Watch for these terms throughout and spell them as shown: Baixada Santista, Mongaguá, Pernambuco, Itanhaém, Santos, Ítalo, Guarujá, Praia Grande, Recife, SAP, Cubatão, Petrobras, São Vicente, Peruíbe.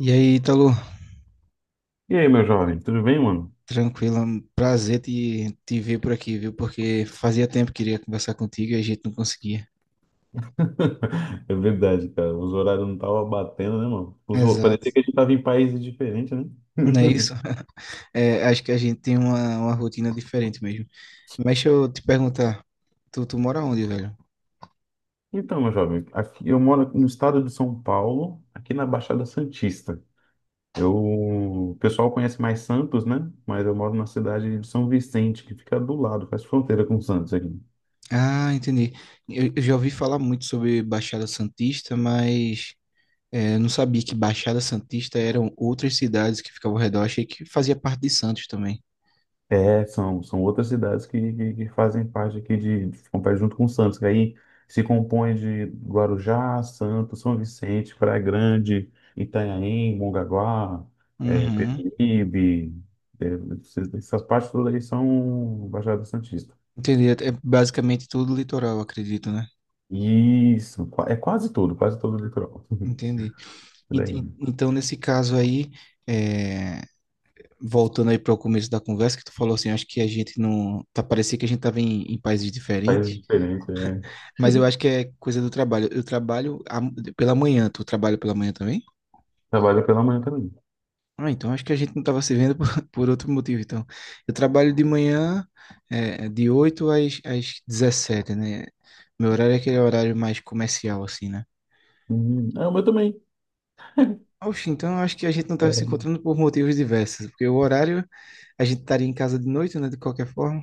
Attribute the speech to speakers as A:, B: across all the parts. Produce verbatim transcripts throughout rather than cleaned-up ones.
A: E aí, Ítalo,
B: E aí, meu jovem, tudo bem, mano?
A: tranquilo, é um prazer te, te ver por aqui, viu? Porque fazia tempo que queria conversar contigo e a gente não conseguia.
B: É verdade, cara. Os horários não estavam batendo, né, mano? Os... hor-
A: Exato.
B: Parecia que a gente tava em países diferentes, né?
A: Não é isso? É, acho que a gente tem uma, uma rotina diferente mesmo. Mas deixa eu te perguntar, tu, tu mora onde, velho?
B: Então, meu jovem, aqui eu moro no estado de São Paulo, aqui na Baixada Santista. Eu... O pessoal conhece mais Santos, né? Mas eu moro na cidade de São Vicente, que fica do lado, faz fronteira com Santos aqui.
A: Ah, entendi. Eu, eu já ouvi falar muito sobre Baixada Santista, mas é, não sabia que Baixada Santista eram outras cidades que ficavam ao redor. Achei que fazia parte de Santos também.
B: É, são, são outras cidades que, que, que fazem parte aqui de, ficam perto junto com Santos, que aí se compõe de Guarujá, Santos, São Vicente, Praia Grande, Itanhaém, Mongaguá, é,
A: Uhum.
B: Peruíbe, é, esses- essas partes todas aí são Baixada Santista.
A: Entendi. É basicamente tudo litoral, acredito, né?
B: Isso, qua- é quase tudo, quase todo o litoral.
A: Entendi.
B: Por
A: Ent-
B: aí.
A: ent- Então, nesse caso aí, é, voltando aí para o começo da conversa, que tu falou assim, acho que a gente não. Tá, parecia que a gente tava em, em países
B: Faz
A: diferentes,
B: diferença, é.
A: mas eu acho que é coisa do trabalho. Eu trabalho a- pela manhã, tu trabalha pela manhã também?
B: Trabalho pela manhã também.
A: Ah, então acho que a gente não tava se vendo por, por outro motivo, então. Eu trabalho de manhã, é, de oito às, às dezessete, né? Meu horário é aquele horário mais comercial, assim, né?
B: Uhum. É, o meu também.
A: Oxe, então eu acho que a gente não estava se
B: É.
A: encontrando por motivos diversos, porque o horário a gente estaria em casa de noite, né? De qualquer forma.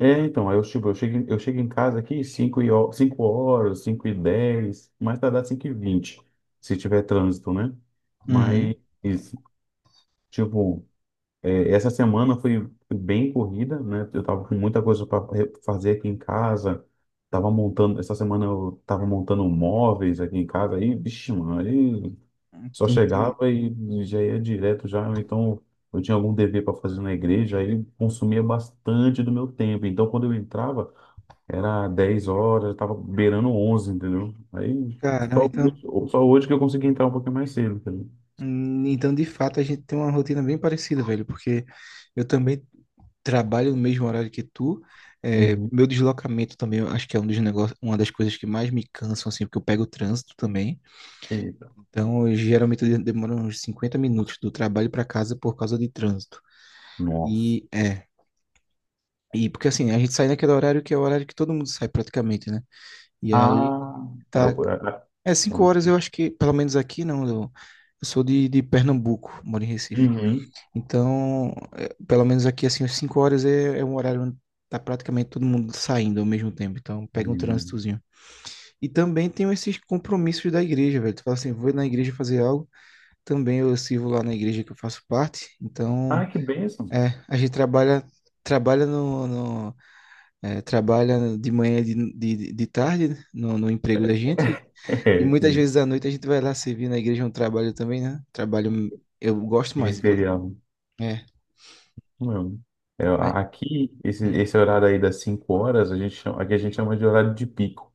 B: É, então, aí eu, tipo, eu chego, em- eu chego em casa aqui cinco e, ho- cinco horas, cinco e dez mais tardar cinco e vinte se tiver trânsito, né?
A: Uhum.
B: Mas, tipo, é, essa semana foi, foi bem corrida, né? Eu tava com muita coisa para fazer aqui em casa, tava montando, essa semana eu tava montando móveis aqui em casa, aí, vixe, mano, aí só
A: Entendi.
B: chegava e já ia direto já, ou então, eu tinha algum dever para fazer na igreja, aí consumia bastante do meu tempo. Então, quando eu entrava, era dez horas, tava beirando onze, entendeu? Aí
A: Caramba,
B: só,
A: então,
B: hoje- só hoje que eu consegui entrar um pouquinho mais cedo, entendeu?
A: hum, então de fato a gente tem uma rotina bem parecida, velho, porque eu também trabalho no mesmo horário que tu. É,
B: Uhum.
A: meu deslocamento também, eu acho que é um dos negócios, uma das coisas que mais me cansam, assim, porque eu pego o trânsito também.
B: Eita.
A: Então, eu geralmente eu demoro uns cinquenta minutos do trabalho para casa por causa de trânsito.
B: Nossa.
A: E E porque assim, a gente sai naquele horário que é o horário que todo mundo sai praticamente, né? E aí
B: Ah, é
A: tá.
B: o. é-
A: É
B: é
A: cinco horas, eu acho que, pelo menos aqui, não. Eu, eu sou de, de Pernambuco, moro em Recife.
B: Uhum.
A: Então, é, pelo menos aqui, assim, às cinco horas é, é um horário onde tá praticamente todo mundo saindo ao mesmo tempo. Então, pega um
B: Uhum.
A: trânsitozinho. E também tem esses compromissos da igreja, velho. Tu fala assim, vou na igreja fazer algo. Também eu sirvo lá na igreja que eu faço parte.
B: Ah,
A: Então,
B: que bênção.
A: é, a gente trabalha, trabalha no, no- É, trabalha de manhã e de, de, de tarde no, no emprego da gente e
B: É,
A: muitas
B: sim.
A: vezes à noite a gente vai lá servir na igreja é um trabalho também, né? Trabalho eu gosto mais, inclusive.
B: Ministerial.
A: É,
B: Não. É,
A: mas-
B: a- aqui, esse,
A: hum.
B: esse horário aí das cinco horas, a gente chama, aqui a gente chama de horário de pico.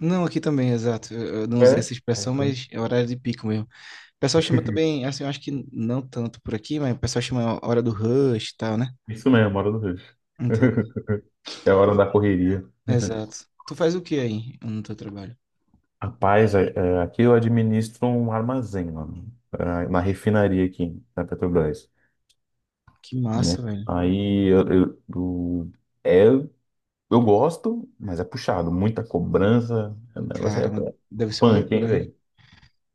A: Não, aqui também, exato. Eu eu não usei essa
B: É? É,
A: expressão,
B: então.
A: mas é horário de pico mesmo. O pessoal chama também, assim, eu acho que não tanto por aqui, mas o pessoal chama hora do rush e tal, né?
B: Isso mesmo, hora do rush.
A: Entendi.
B: É a
A: Tu
B: hora
A: fa-
B: da correria.
A: Exato. Tu faz o que aí no teu trabalho?
B: Rapaz, é- é, aqui eu administro um armazém, mano, é, uma refinaria aqui da Petrobras,
A: Que massa,
B: né?
A: velho.
B: Aí eu, eu, eu- é, eu gosto, mas é puxado, muita cobrança, o negócio é
A: Caramba, deve ser uma
B: punk, hein,
A: loucura, hein?
B: velho?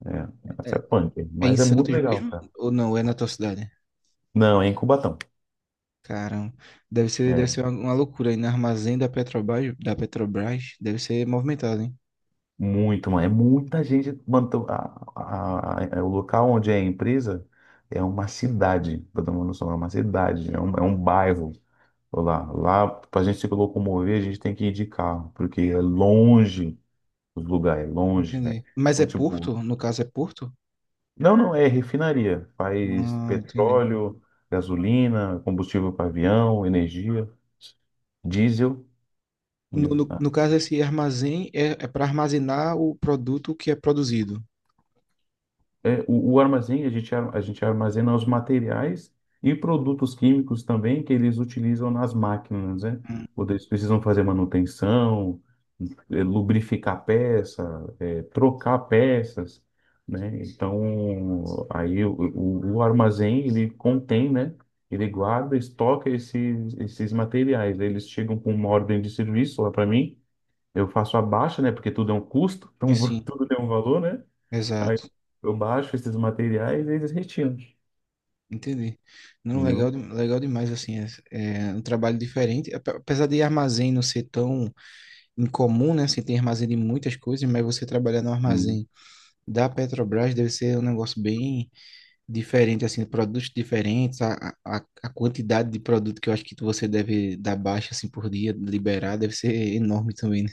B: É, o negócio é
A: É,
B: punk,
A: é em
B: mas é muito
A: Santos
B: legal,
A: mesmo?
B: cara.
A: Ou não? É na tua cidade?
B: Não, é em Cubatão.
A: Caramba, deve ser, deve
B: É
A: ser uma uma loucura aí no armazém da Petrobras, da Petrobras, deve ser movimentado, hein?
B: muito, mano, é muita gente, mano, tô- a- a- a- é o local onde é a empresa, é uma cidade, pra tomar noção, é uma cidade, é um, é um bairro. Lá, lá para a gente se locomover, a gente tem que ir de carro, porque é longe os lugares, é longe, velho.
A: Entendi. Mas é
B: Então, tipo,
A: Porto? No caso é Porto?
B: não, não, é refinaria. Faz
A: Ah, entendi.
B: petróleo, gasolina, combustível para avião, energia, diesel, né?
A: No, no, no caso, esse armazém é, é para armazenar o produto que é produzido.
B: É, o, o armazém, a gente, ar- a gente armazena os materiais e produtos químicos também que eles utilizam nas máquinas, né?
A: Hum,
B: Quando eles precisam fazer manutenção, é, lubrificar peça, é, trocar peças, né? Então, aí o, o, o armazém, ele contém, né? Ele guarda, estoca esses, esses materiais. Aí eles chegam com uma ordem de serviço lá para mim, eu faço a baixa, né? Porque tudo é um custo, então
A: e Sim,
B: tudo tem um valor, né? Aí
A: exato.
B: eu eu baixo esses materiais e eles retiram,
A: Entendi. Não, legal,
B: entendeu?
A: de- legal demais, assim, é, é um trabalho diferente. Ape- Apesar de armazém não ser tão incomum, né? Assim, tem armazém de muitas coisas, mas você trabalhar no
B: Uhum.
A: armazém da Petrobras deve ser um negócio bem diferente, assim, produtos diferentes, a, a, a quantidade de produto que eu acho que você deve dar baixa, assim, por dia, liberar, deve ser enorme também, né?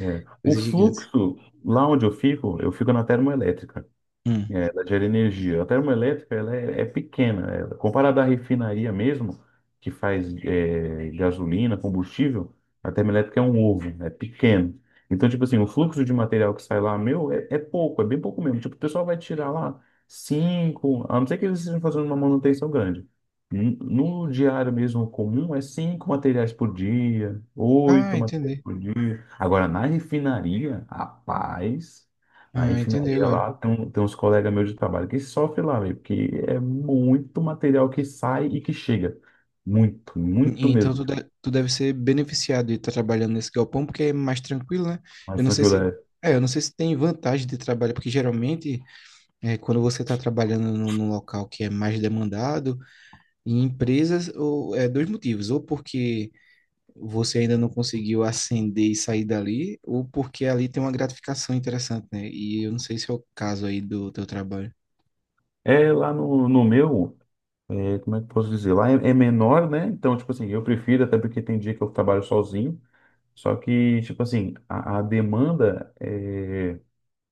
B: É. O
A: Coisa gigante.
B: fluxo, lá onde eu fico, eu fico na termoelétrica.
A: Hum.
B: É, ela gera energia. A termoelétrica ela é, é pequena. É, comparada à refinaria mesmo, que faz é, gasolina, combustível, a termoelétrica é um ovo, é pequeno. Então, tipo assim, o fluxo de material que sai lá, meu, é, é pouco, é bem pouco mesmo. Tipo, o pessoal vai tirar lá cinco, a não ser que eles estejam fazendo uma manutenção grande. N- No diário mesmo comum, é cinco materiais por dia,
A: Ah,
B: oito materiais
A: entendi.
B: por dia. Agora, na refinaria, rapaz. Na
A: Ah, entendi
B: refinaria
A: agora.
B: lá, tem, um- tem uns colegas meus de trabalho que sofrem lá, velho, porque é muito material que sai e que chega. Muito, muito
A: E- Então
B: mesmo.
A: tu, de- tu deve ser beneficiado de estar trabalhando nesse galpão, porque é mais tranquilo, né? Eu
B: Mas
A: não sei
B: tranquilo,
A: se.
B: é.
A: É, eu não sei se tem vantagem de trabalhar, porque geralmente, é, quando você está trabalhando num num local que é mais demandado, em empresas, ou, é dois motivos. Ou porque você ainda não conseguiu ascender e sair dali, ou porque ali tem uma gratificação interessante, né? E eu não sei se é o caso aí do teu trabalho.
B: É lá no, no meu, é, como é que eu posso dizer? Lá é, é menor, né? Então, tipo assim, eu prefiro, até porque tem dia que eu trabalho sozinho. Só que, tipo assim, a, a demanda é,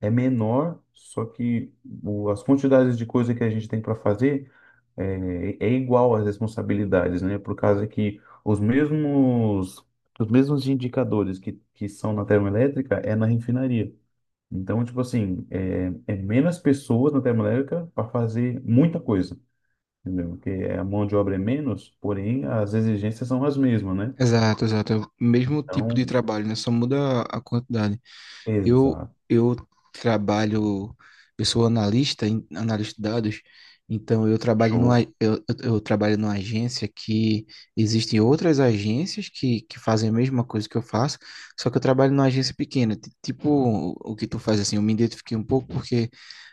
B: é menor, só que o- as quantidades de coisa que a gente tem para fazer é, é igual às responsabilidades, né? Por causa que os mesmos, os mesmos indicadores que, que são na termoelétrica é na refinaria. Então, tipo assim, é, é menos pessoas na termoelétrica para fazer muita coisa, entendeu? Porque a mão de obra é menos, porém as exigências são as mesmas, né?
A: Exato, exato. É o mesmo tipo de
B: Então,
A: trabalho, né? Só muda a quantidade. Eu,
B: exato.
A: eu trabalho, eu sou analista, em- analista de dados, então eu trabalho numa,
B: Show.
A: eu, eu eu trabalho numa agência que existem outras agências que, que fazem a mesma coisa que eu faço, só que eu trabalho numa agência pequena, ti- tipo o que tu faz assim, eu me identifiquei um pouco porque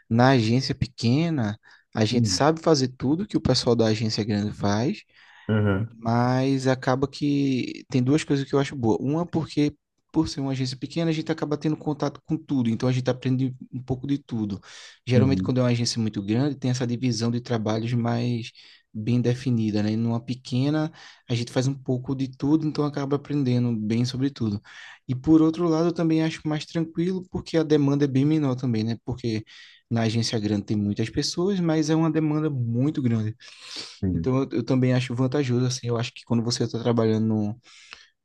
A: na agência pequena a gente
B: Hum.
A: sabe fazer tudo que o pessoal da agência grande faz,
B: Uhum.
A: mas acaba que tem duas coisas que eu acho boa. Uma, porque por ser uma agência pequena, a gente acaba tendo contato com tudo, então a gente aprende um pouco de tudo. Geralmente,
B: Uhum.
A: quando é uma agência muito grande, tem essa divisão de trabalhos mais bem definida, né? E Numa pequena, a gente faz um pouco de tudo, então acaba aprendendo bem sobre tudo. E por outro lado, eu também acho mais tranquilo, porque a demanda é bem menor também, né? Porque na agência grande tem muitas pessoas, mas é uma demanda muito grande.
B: Uhum.
A: Então, eu, eu também acho vantajoso, assim, eu acho que quando você está trabalhando, no,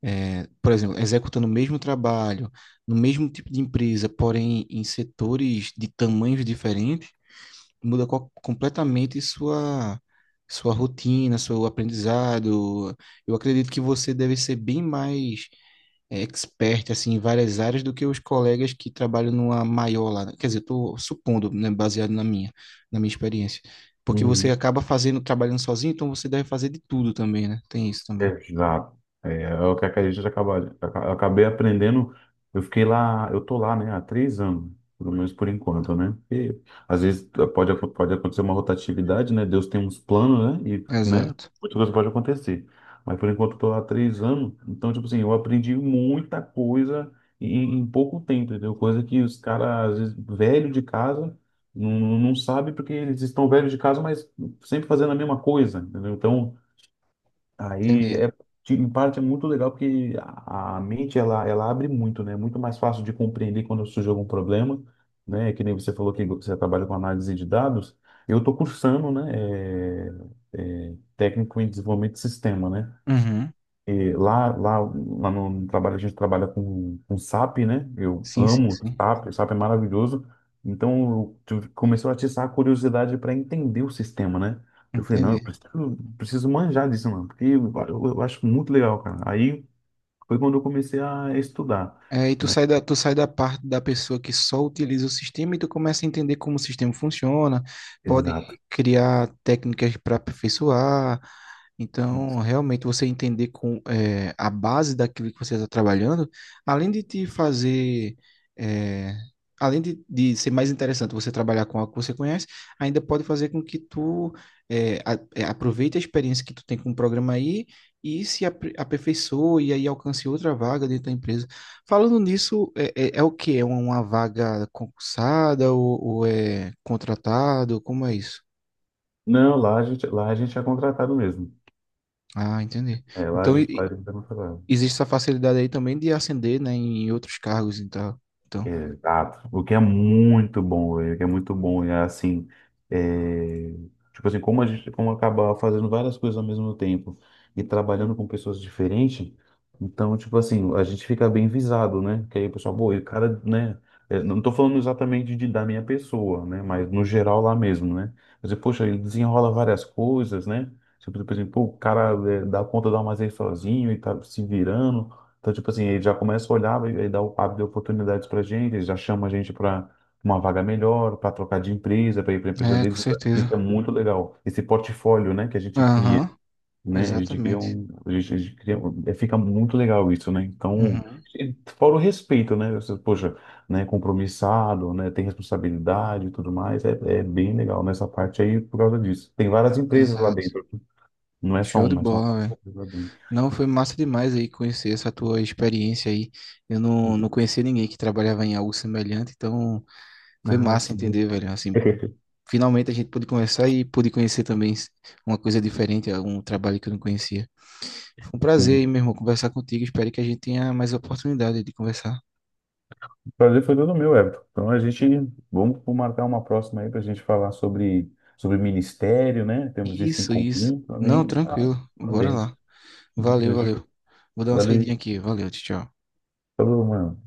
A: eh, por exemplo, executando o mesmo trabalho, no mesmo tipo de empresa, porém em setores de tamanhos diferentes, muda co- completamente sua, sua rotina, seu aprendizado. Eu acredito que você deve ser bem mais é, expert assim, em várias áreas do que os colegas que trabalham numa maior lá. né? Quer dizer, estou supondo, né, baseado na minha, na minha experiência. Porque você
B: Uhum.
A: acaba fazendo, trabalhando sozinho, então você deve fazer de tudo também, né? Tem isso também.
B: Exato. É, é o que a gente acaba, aca- acabei aprendendo. Eu fiquei lá, eu tô lá, né, há três anos, pelo menos por enquanto, né? Porque às vezes pode, acon- pode acontecer uma rotatividade, né? Deus tem uns planos, né? E, né,
A: Exato.
B: muita coisa pode acontecer. Mas por enquanto eu tô lá há três anos, então, tipo assim, eu aprendi muita coisa em, em pouco tempo, entendeu? Coisa que os caras, às vezes, velho de casa, não, não não sabe porque eles estão velhos de casa, mas sempre fazendo a mesma coisa, entendeu? Então. Aí
A: Entendi.
B: é, de- em parte é muito legal porque a, a mente ela, ela abre muito, né? É muito mais fácil de compreender quando surge algum problema, né? Que nem você falou que você trabalha com análise de dados. Eu estou cursando, né? é, é, técnico em desenvolvimento de sistema, né?
A: Uhum.
B: E lá, lá, lá no trabalho a gente trabalha com, com S A P, né? Eu
A: Sim, sim,
B: amo
A: sim.
B: S A P, S A P é maravilhoso. Então eu tive- começou a atiçar a curiosidade para entender o sistema, né? Eu falei, não, eu
A: Entendi.
B: preciso, preciso manjar disso, mano, porque eu, eu- eu acho muito legal, cara. Aí foi quando eu comecei a estudar,
A: É, e tu
B: né?
A: sai da, tu sai da parte da pessoa que só utiliza o sistema e tu começa a entender como o sistema funciona, pode
B: Exato.
A: criar técnicas para aperfeiçoar. Então, realmente, você entender com, eh, a base daquilo que você está trabalhando, além de te fazer, eh, além de, de ser mais interessante você trabalhar com algo que você conhece, ainda pode fazer com que tu, eh, a- eh, aproveite a experiência que tu tem com o programa aí e se apre- aperfeiçoe e aí alcance outra vaga dentro da empresa. Falando nisso, é, é- é o que? É uma vaga concursada ou, ou é contratado? Como é isso?
B: Não, lá a gente, lá a gente é contratado mesmo.
A: Ah, entendi.
B: É, lá a
A: Então, e-
B: gente,
A: e
B: lá a gente é contratado.
A: existe essa facilidade aí também de ascender, né, em outros cargos e tal. Então,
B: Exato. O que é muito bom, velho, o que é muito bom. É assim, é, tipo assim, como a gente como acaba fazendo várias coisas ao mesmo tempo e trabalhando com pessoas diferentes, então, tipo assim, a gente fica bem visado, né? Que aí o pessoal, pô, e o cara, né? é, Não tô falando exatamente de, da minha pessoa, né? Mas no geral lá mesmo, né? Você, poxa, ele desenrola várias coisas, né? Tipo, por exemplo, pô, o cara é, dá conta do armazém sozinho e tá se virando. Então, tipo assim, ele já começa a olhar e e dá o- abre oportunidades pra gente, ele já chama a gente para uma vaga melhor, para trocar de empresa, para ir para empresa
A: é, com
B: deles.
A: certeza.
B: Isso é muito legal. Esse portfólio, né, que a gente cria,
A: Aham,
B: né? A gente cria
A: exatamente.
B: um, a gente, a gente cria um- é, fica muito legal isso, né? Então,
A: Uhum,
B: e fora o respeito, né? Você, poxa, né, compromissado, né, tem responsabilidade e tudo mais, é, é bem legal nessa parte aí por causa disso. Tem várias empresas lá
A: exato.
B: dentro, não é só
A: Show de
B: uma, são
A: bola,
B: várias
A: velho.
B: empresas lá dentro.
A: Não, foi massa demais aí conhecer essa tua experiência aí. Eu não, não conhecia ninguém que trabalhava em algo semelhante, então foi
B: Ah,
A: massa
B: sim.
A: entender, velho, assim, Finalmente a gente pôde conversar e pude conhecer também uma coisa diferente, algum trabalho que eu não conhecia. Foi um prazer, aí, meu irmão, conversar contigo. Espero que a gente tenha mais oportunidade de conversar.
B: Prazer foi todo meu, Everton. Então a gente vamos marcar uma próxima aí para a gente falar sobre, sobre ministério, né? Temos isso em
A: Isso, isso.
B: comum
A: Não,
B: também. Tá,
A: tranquilo.
B: tá
A: Bora
B: dentro.
A: lá. Valeu,
B: Deixa
A: valeu.
B: eu-
A: Vou dar uma saidinha
B: Valeu.
A: aqui. Valeu, tchau. tchau.
B: Falou, mano.